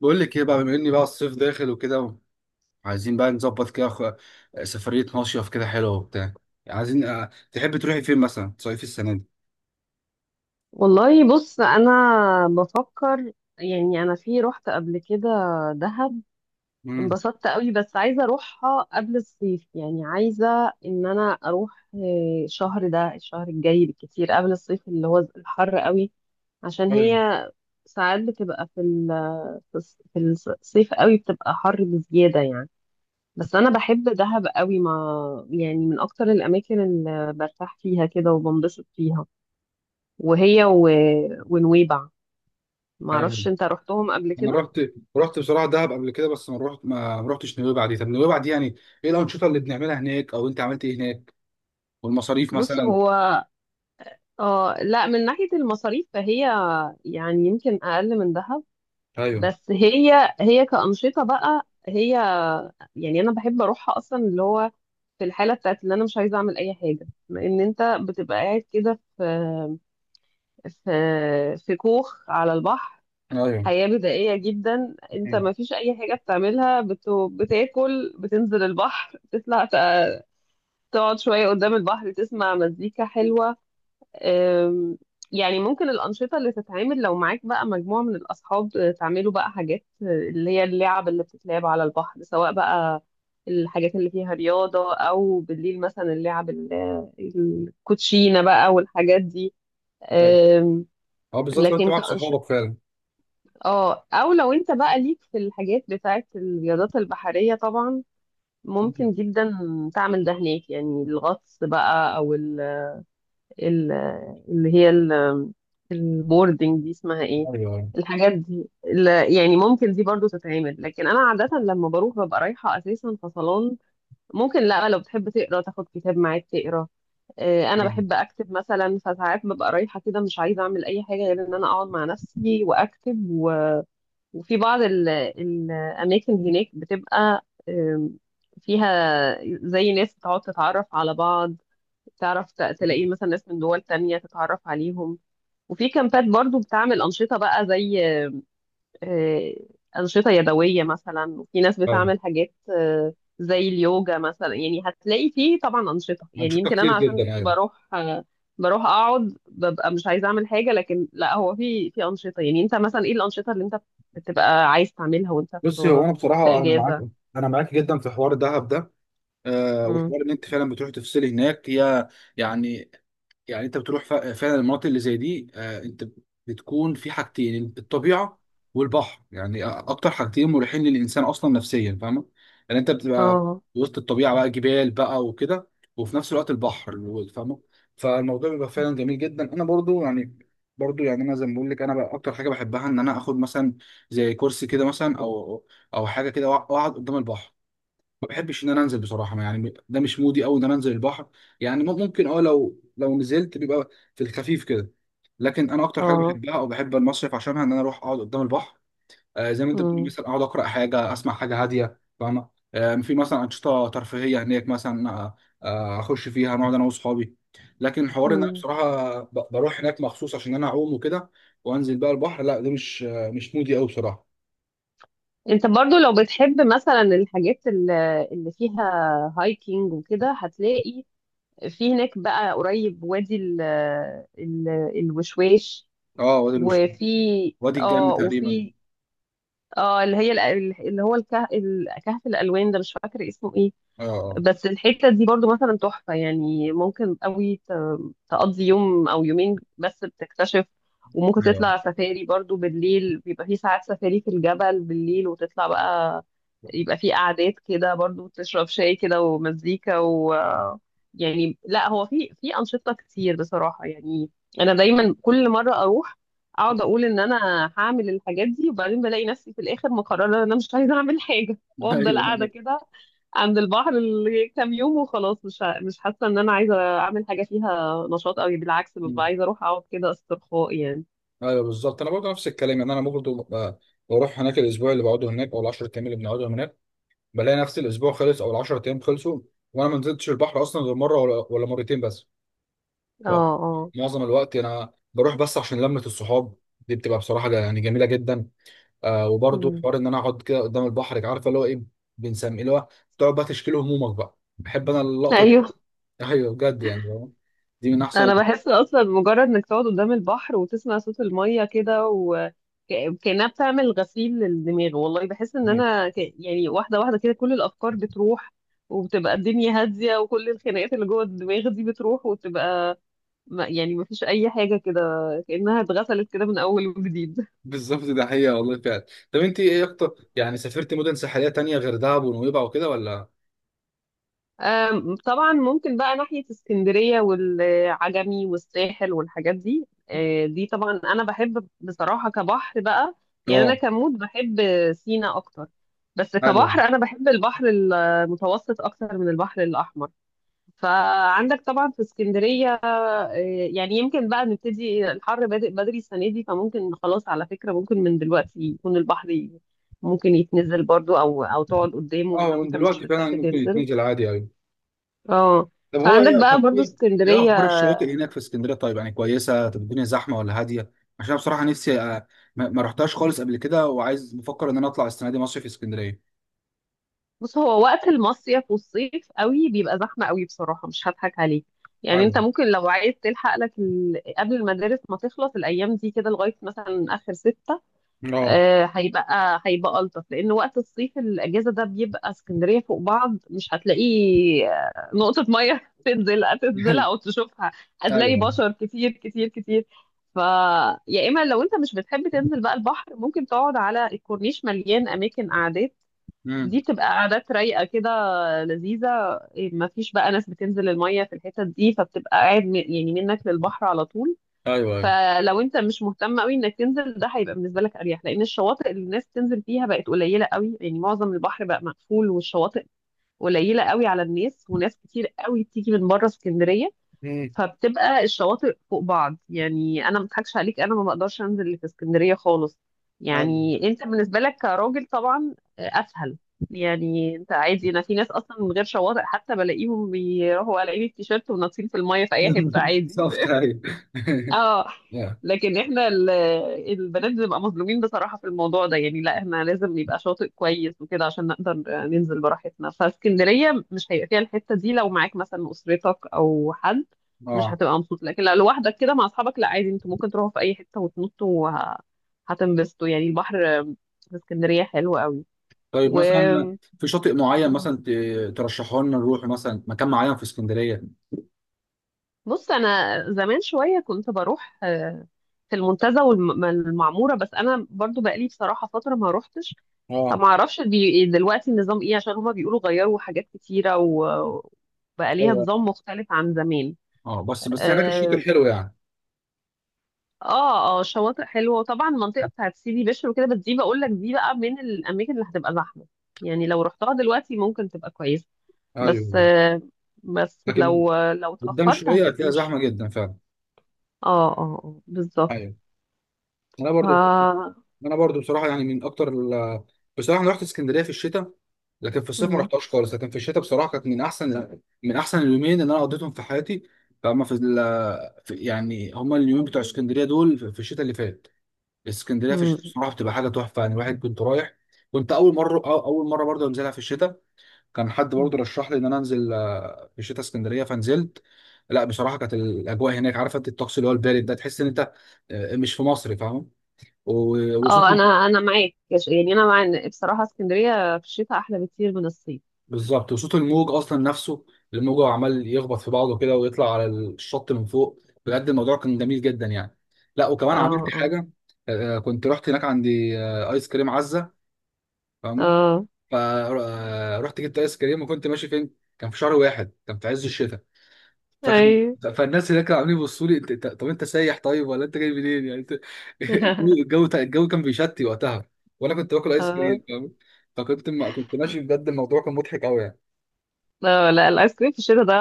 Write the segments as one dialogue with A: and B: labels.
A: بقول لك ايه بقى، بما اني بقى الصيف داخل وكده. عايزين بقى نظبط كده سفرية مصيف كده حلوة وبتاع. عايزين، تحبي تروحي فين مثلا تصيفي السنة دي؟
B: والله بص انا بفكر. يعني انا رحت قبل كده دهب،
A: امم.
B: انبسطت قوي بس عايزه اروحها قبل الصيف. يعني عايزه ان انا اروح، الشهر ده الشهر الجاي بالكتير قبل الصيف اللي هو الحر قوي. عشان
A: ايوه،
B: هي ساعات بتبقى في الصيف قوي بتبقى حر بزياده يعني. بس انا بحب دهب قوي، ما يعني من اكتر الاماكن اللي برتاح فيها كده وبنبسط فيها. وهي ونويبع، ما
A: ايوه.
B: اعرفش انت رحتهم قبل
A: انا
B: كده.
A: رحت، بصراحة دهب قبل كده، بس ما رحتش نويبع دي. طب نويبع دي يعني ايه الأنشطة اللي بنعملها هناك، او انت عملت ايه هناك، والمصاريف
B: بص
A: مثلا؟
B: هو اه لا، من ناحية المصاريف فهي يعني يمكن اقل من دهب.
A: ايوه،
B: بس هي كأنشطة بقى، هي يعني انا بحب اروحها اصلا، اللي هو في الحالة بتاعت اللي انا مش عايزة اعمل اي حاجة، لان انت بتبقى قاعد كده في في كوخ على البحر.
A: ايوه.
B: حياة بدائية جدا، انت
A: مم.
B: ما فيش اي حاجة بتعملها. بتاكل، بتنزل البحر، تطلع، تقعد شوية قدام البحر، تسمع مزيكا حلوة. أم، يعني ممكن الأنشطة اللي تتعمل لو معاك بقى مجموعة من الأصحاب، تعملوا بقى حاجات، اللي هي اللعب اللي بتتلعب على البحر، سواء بقى الحاجات اللي فيها رياضة، أو بالليل مثلا اللعب الكوتشينة بقى والحاجات دي.
A: ايوه.
B: أم،
A: اه، بالظبط لو انت
B: لكن
A: معاك
B: كأنش...
A: صحابك فعلا.
B: اه أو لو أنت بقى ليك في الحاجات بتاعت الرياضات البحرية طبعا،
A: مم.
B: ممكن جدا تعمل ده هناك. يعني الغطس بقى، أو ال- اللي هي ال- البوردنج دي اسمها ايه،
A: ايوه، ايوه.
B: الحاجات دي، يعني ممكن دي برضو تتعمل. لكن انا عادة لما بروح ببقى رايحة اساسا فصلان، ممكن، لا، لو بتحب تقرا تاخد كتاب معاك تقرا. انا
A: مم.
B: بحب اكتب مثلا، فساعات ببقى رايحة كده مش عايزة اعمل اي حاجة غير ان انا اقعد مع نفسي واكتب، وفي بعض الاماكن هناك بتبقى فيها زي ناس بتقعد تتعرف على بعض، تعرف تلاقي مثلا ناس من دول تانية تتعرف عليهم. وفي كامبات برضو بتعمل أنشطة بقى زي، آه، أنشطة يدوية مثلا، وفي ناس
A: ايوه.
B: بتعمل حاجات، زي اليوجا مثلا. يعني هتلاقي فيه طبعا أنشطة، يعني
A: أنشطة
B: يمكن
A: كتير
B: أنا عشان
A: جدا، ايوه.
B: بروح، بروح أقعد ببقى مش عايزة أعمل حاجة. لكن لا، هو في في أنشطة، يعني أنت مثلا إيه الأنشطة اللي أنت بتبقى عايز تعملها وأنت
A: بصي، هو
B: في
A: انا
B: في
A: بصراحه
B: إجازة؟
A: انا معاك جدا في حوار دهب ده. أه،
B: مم.
A: وحوار ان انت فعلا بتروحي تفصلي هناك، هي يعني، يعني انت بتروح فعلا المناطق اللي زي دي. آه، انت بتكون في حاجتين: الطبيعه والبحر، يعني اكتر حاجتين مريحين للانسان اصلا نفسيا، فاهمه. يعني انت بتبقى
B: اه،
A: وسط الطبيعه بقى، جبال بقى وكده، وفي نفس الوقت البحر، فاهمه. فالموضوع بيبقى فعلا جميل جدا. انا برضو يعني، انا زي ما بقول لك، انا بقى اكتر حاجه بحبها ان انا اخد مثلا زي كرسي كده مثلا، او حاجه كده، واقعد قدام البحر. ما بحبش ان انا انزل بصراحه، يعني ده مش مودي قوي ان انا انزل البحر. يعني ممكن اه، لو نزلت بيبقى في الخفيف كده، لكن انا اكتر حاجه
B: اه.
A: بحبها او بحب المصيف عشانها ان انا اروح اقعد قدام البحر. آه، زي ما انت بتقول،
B: مم.
A: مثلا اقعد اقرا حاجه، اسمع حاجه هاديه، فاهمه. آه، في مثلا انشطه ترفيهيه هناك مثلا، اخش فيها نقعد انا واصحابي، لكن حوار ان انا
B: مم.
A: بصراحه بروح هناك مخصوص عشان انا اعوم وكده وانزل بقى البحر، لا ده مش مودي قوي بصراحه.
B: انت برضو لو بتحب مثلا الحاجات اللي فيها هايكينج وكده، هتلاقي في هناك بقى قريب وادي ال الوشواش.
A: اه، وادي الوشم،
B: وفي
A: وادي الجنة
B: اه
A: تقريبا.
B: وفي اللي هو الكهف الالوان ده مش فاكره اسمه ايه.
A: اه، اه.
B: بس الحتة دي برضو مثلا تحفة. يعني ممكن قوي تقضي يوم أو يومين بس بتكتشف. وممكن
A: أيوة.
B: تطلع سفاري برضو بالليل، بيبقى في ساعات سفاري في الجبل بالليل وتطلع بقى، يبقى في قعدات كده برضو، تشرب شاي كده ومزيكا يعني. لا، هو في في أنشطة كتير بصراحة يعني. أنا دايما كل مرة أروح، أقعد أقول إن أنا هعمل الحاجات دي، وبعدين بلاقي نفسي في الآخر مقررة إن أنا مش عايزة أعمل حاجة، وأفضل قاعدة
A: ايوه.
B: كده عند البحر كام يوم وخلاص. مش مش حاسه ان انا عايزه اعمل حاجه فيها نشاط قوي، بالعكس ببقى
A: مم.
B: عايزه اروح اقعد كده استرخاء يعني.
A: ايوه بالظبط، انا برضه نفس الكلام، يعني انا برضه بروح هناك، الاسبوع اللي بقعده هناك او ال 10 ايام اللي بنقعدهم هناك، بلاقي نفس الاسبوع خلص او ال 10 ايام خلصوا، وانا ما نزلتش البحر اصلا غير مره ولا مرتين بس.
B: اه،
A: ف-
B: اه.
A: معظم الوقت انا بروح بس عشان لمه الصحاب، دي بتبقى بصراحه يعني جميله جدا. آه، وبرضه
B: مم.
A: حوار ان انا اقعد كده قدام البحر، عارفه اللي هو ايه، بنسميه اللي هو تقعد بقى تشكيل همومك بقى، بحب انا اللقطه دي.
B: ايوه،
A: ايوه بجد يعني، دي من احسن.
B: انا بحس اصلا مجرد انك تقعد قدام البحر وتسمع صوت الميه كده، وكأنها بتعمل غسيل للدماغ. والله بحس ان انا يعني واحده واحده كده كل الافكار بتروح، وبتبقى الدنيا هاديه، وكل الخناقات اللي جوه الدماغ دي بتروح وتبقى، يعني مفيش اي حاجه كده، كأنها اتغسلت كده من اول وجديد.
A: بالظبط، ده حقيقة والله فعلا. طب انت ايه اكتر، يعني سافرت مدن ساحلية تانية غير دهب ونويبع وكده ولا؟
B: طبعا ممكن بقى ناحية اسكندرية والعجمي والساحل والحاجات دي. دي طبعا أنا بحب بصراحة كبحر بقى. يعني أنا
A: اه.
B: كمود بحب سينا أكتر، بس كبحر
A: ايوه.
B: أنا بحب البحر المتوسط أكتر من البحر الأحمر. فعندك طبعا في اسكندرية. يعني يمكن بقى نبتدي الحر بادئ بدري السنة دي، فممكن خلاص، على فكرة ممكن من دلوقتي يكون البحر، ممكن يتنزل برضو، أو تقعد قدامه
A: اه
B: لو
A: من
B: أنت مش
A: دلوقتي
B: بتحب
A: فعلا ممكن
B: تنزل.
A: يتنزل عادي، ايوه.
B: اه، فعندك بقى
A: طب
B: برضو
A: ايه، ايه
B: اسكندرية.
A: اخبار الشواطئ هناك في اسكندرية؟ طيب يعني كويسة؟ طب الدنيا زحمة ولا هادية؟ عشان بصراحة نفسي، ما رحتهاش خالص قبل كده، وعايز، بفكر ان انا اطلع السنة دي مصيف في اسكندرية.
B: بص، هو وقت المصيف والصيف قوي بيبقى زحمة قوي بصراحة، مش هضحك عليك. يعني انت
A: ايوه.
B: ممكن لو عايز تلحق لك قبل المدارس ما تخلص، الايام دي كده لغاية مثلا اخر ستة،
A: اه.
B: هيبقى ألطف. لأن وقت الصيف الأجازة ده بيبقى اسكندرية فوق بعض، مش هتلاقي نقطة مية تنزلها
A: ايوه،
B: أو تشوفها. هتلاقي
A: ايوه.
B: بشر كتير كتير كتير. ف يا إما لو أنت مش بتحب تنزل بقى البحر، ممكن تقعد على الكورنيش، مليان أماكن قعدات. دي
A: امم.
B: بتبقى قعدات رايقة كده، لذيذة، ما فيش بقى ناس بتنزل المية في الحتت دي، فبتبقى قاعد، يعني منك للبحر على طول.
A: ايوه، ايوه.
B: فلو انت مش مهتم قوي انك تنزل، ده هيبقى بالنسبه لك اريح، لان الشواطئ اللي الناس تنزل فيها بقت قليله قوي. يعني معظم البحر بقى مقفول، والشواطئ قليله قوي على الناس، وناس كتير قوي بتيجي من بره اسكندريه،
A: مم.
B: فبتبقى الشواطئ فوق بعض. يعني انا ما اضحكش عليك، انا ما بقدرش انزل اللي في اسكندريه خالص.
A: ايوه.
B: يعني انت بالنسبه لك كراجل طبعا اسهل. يعني انت عادي، انا في ناس اصلا من غير شواطئ حتى بلاقيهم بيروحوا قلعين التيشيرت وناطين في الميه في اي حته عادي.
A: بالظبط، ايوه.
B: اه.
A: يا.
B: لكن احنا البنات بنبقى مظلومين بصراحة في الموضوع ده. يعني لا، احنا لازم نبقى شاطئ كويس وكده عشان نقدر ننزل براحتنا، فاسكندرية مش هيبقى فيها الحتة دي. لو معاك مثلا أسرتك أو حد مش
A: اه.
B: هتبقى مبسوط، لكن لو لوحدك كده مع أصحابك، لا عادي، انتوا ممكن تروحوا في أي حتة وتنطوا، هتنبسطوا. يعني البحر في اسكندرية حلو قوي.
A: طيب
B: و
A: مثلا في شاطئ معين مثلا ترشحه لنا نروح مثلا، مكان معين في اسكندريه؟
B: بص، أنا زمان شوية كنت بروح، في المنتزه والمعموره، بس انا برضو بقالي بصراحه فتره ما روحتش.
A: اه.
B: ما اعرفش دي دلوقتي النظام ايه، عشان هما بيقولوا غيروا حاجات كتيره، وبقى ليها
A: ايوه.
B: نظام مختلف عن زمان.
A: اه بس، هناك الشاطئ
B: اه،
A: حلو يعني.
B: اه، شواطئ حلوه، وطبعا المنطقه بتاعت سيدي بشر وكده، بس دي بقول لك دي بقى من الاماكن اللي هتبقى زحمه. يعني لو رحتها دلوقتي ممكن تبقى كويسه، بس
A: ايوه،
B: بس
A: لكن
B: لو
A: قدام
B: اتاخرت
A: شويه
B: هتبقى
A: هتلاقيها
B: مش.
A: زحمه جدا فعلا.
B: اه، اه، بالظبط.
A: ايوه. انا برضو
B: ف
A: انا برضو بصراحه يعني من اكتر ال... بصراحه انا رحت اسكندريه في الشتاء، لكن في الصيف ما
B: مم،
A: رحتهاش خالص، لكن في الشتاء بصراحه كانت من احسن اليومين اللي انا قضيتهم في حياتي. فهم في, ال... في يعني هما اليومين بتوع اسكندريه دول في الشتاء اللي فات. اسكندريه في
B: مم،
A: الشتاء بصراحه بتبقى حاجه تحفه، يعني الواحد كنت رايح، كنت اول مره أو- اول مره برضه انزلها في الشتاء، كان حد برضه
B: مم.
A: رشح لي ان انا انزل، في الشتاء اسكندريه، فنزلت. لا بصراحه كانت الاجواء هناك، عارفه انت الطقس اللي هو البارد ده، تحس ان انت، مش في مصر، فاهم. و- وصوت،
B: اه، انا معاك. يعني انا مع إن بصراحه اسكندريه في الشتاء احلى بكتير من الصيف.
A: بالظبط، وصوت الموج اصلا نفسه، الموج عمال يخبط في بعضه كده ويطلع على الشط من فوق، بجد الموضوع كان جميل جدا يعني. لا وكمان
B: اه،
A: عملت
B: اه،
A: حاجه، كنت رحت هناك، عندي ايس كريم عزه، فاهمه.
B: اه.
A: فرحت جبت ايس كريم وكنت ماشي فين، كان في شهر واحد، كان في عز الشتاء. فكان
B: ايوه.
A: فالناس هناك كانوا عاملين يبصوا لي، "أنت- طب انت سايح طيب، ولا انت جاي منين، يعني الجو، كان بيشتي وقتها، وانا كنت باكل ايس
B: اه،
A: كريم، فاهم. ما كنت ماشي، بجد الموضوع كان مضحك قوي يعني.
B: لا، لا، الايس كريم في الشتاء ده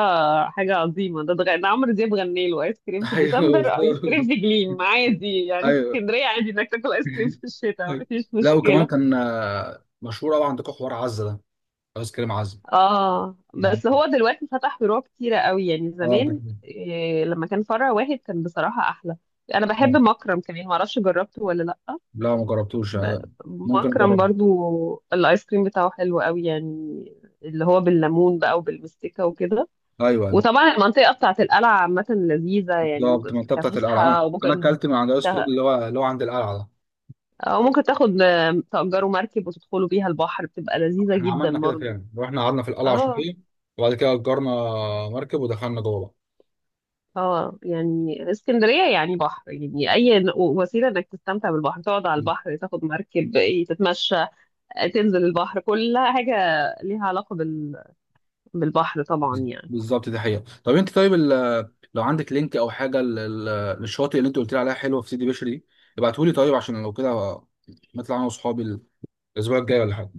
B: حاجه عظيمه. ده عمرو دياب غني له ايس كريم في
A: ايوه
B: ديسمبر، او ايس
A: بالظبط.
B: كريم في جليم، عادي. يعني في
A: ايوه.
B: اسكندريه عادي انك تاكل ايس كريم في الشتاء،
A: أيوة.
B: مفيش
A: لا وكمان
B: مشكله.
A: كان، مشهور قوي عندكم حوار عزه ده، ايس كريم عزه.
B: اه،
A: نعم.
B: بس هو دلوقتي فتح فروع كتيره قوي. يعني
A: اه ده
B: زمان
A: كمان.
B: إيه لما كان فرع واحد كان بصراحه احلى. انا بحب
A: آه.
B: مكرم كمان، معرفش جربته ولا لا.
A: لا ما جربتوش،
B: ب-
A: ممكن
B: مكرم
A: اجربه.
B: برضو الايس كريم بتاعه حلو قوي يعني، اللي هو بالليمون بقى وبالمستكة وكده.
A: ايوه
B: وطبعا المنطقة بتاعت القلعة عامة لذيذة، يعني
A: بالظبط،
B: ممكن
A: المنطقه بتاعت القلعه،
B: كفسحة،
A: انا
B: وممكن
A: اكلت من عند الايس كريم
B: تا-
A: اللي هو عند القلعه ده.
B: او ممكن تاخد، تأجروا مركب وتدخلوا بيها البحر، بتبقى لذيذة
A: احنا
B: جدا
A: عملنا كده
B: برضو.
A: فعلا، رحنا قعدنا في القلعه
B: اه،
A: شويه، وبعد كده اجرنا مركب ودخلنا جوه
B: اه. يعني اسكندرية يعني بحر، يعني اي وسيلة انك تستمتع بالبحر، تقعد على
A: بقى.
B: البحر، تاخد مركب، تتمشى، تنزل البحر، كل حاجة ليها علاقة بالبحر طبعا يعني.
A: بالظبط، دي حقيقه. طب انت طيب لو عندك لينك او حاجه للشاطئ اللي انت قلت لي عليها حلوه في سيدي بشر دي، ابعتهولي طيب، عشان لو كده نطلع انا واصحابي الاسبوع الجاي ولا حاجه.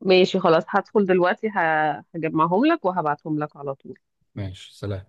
B: ماشي، خلاص، هدخل دلوقتي هجمعهم لك وهبعتهم لك على طول.
A: ماشي، سلام.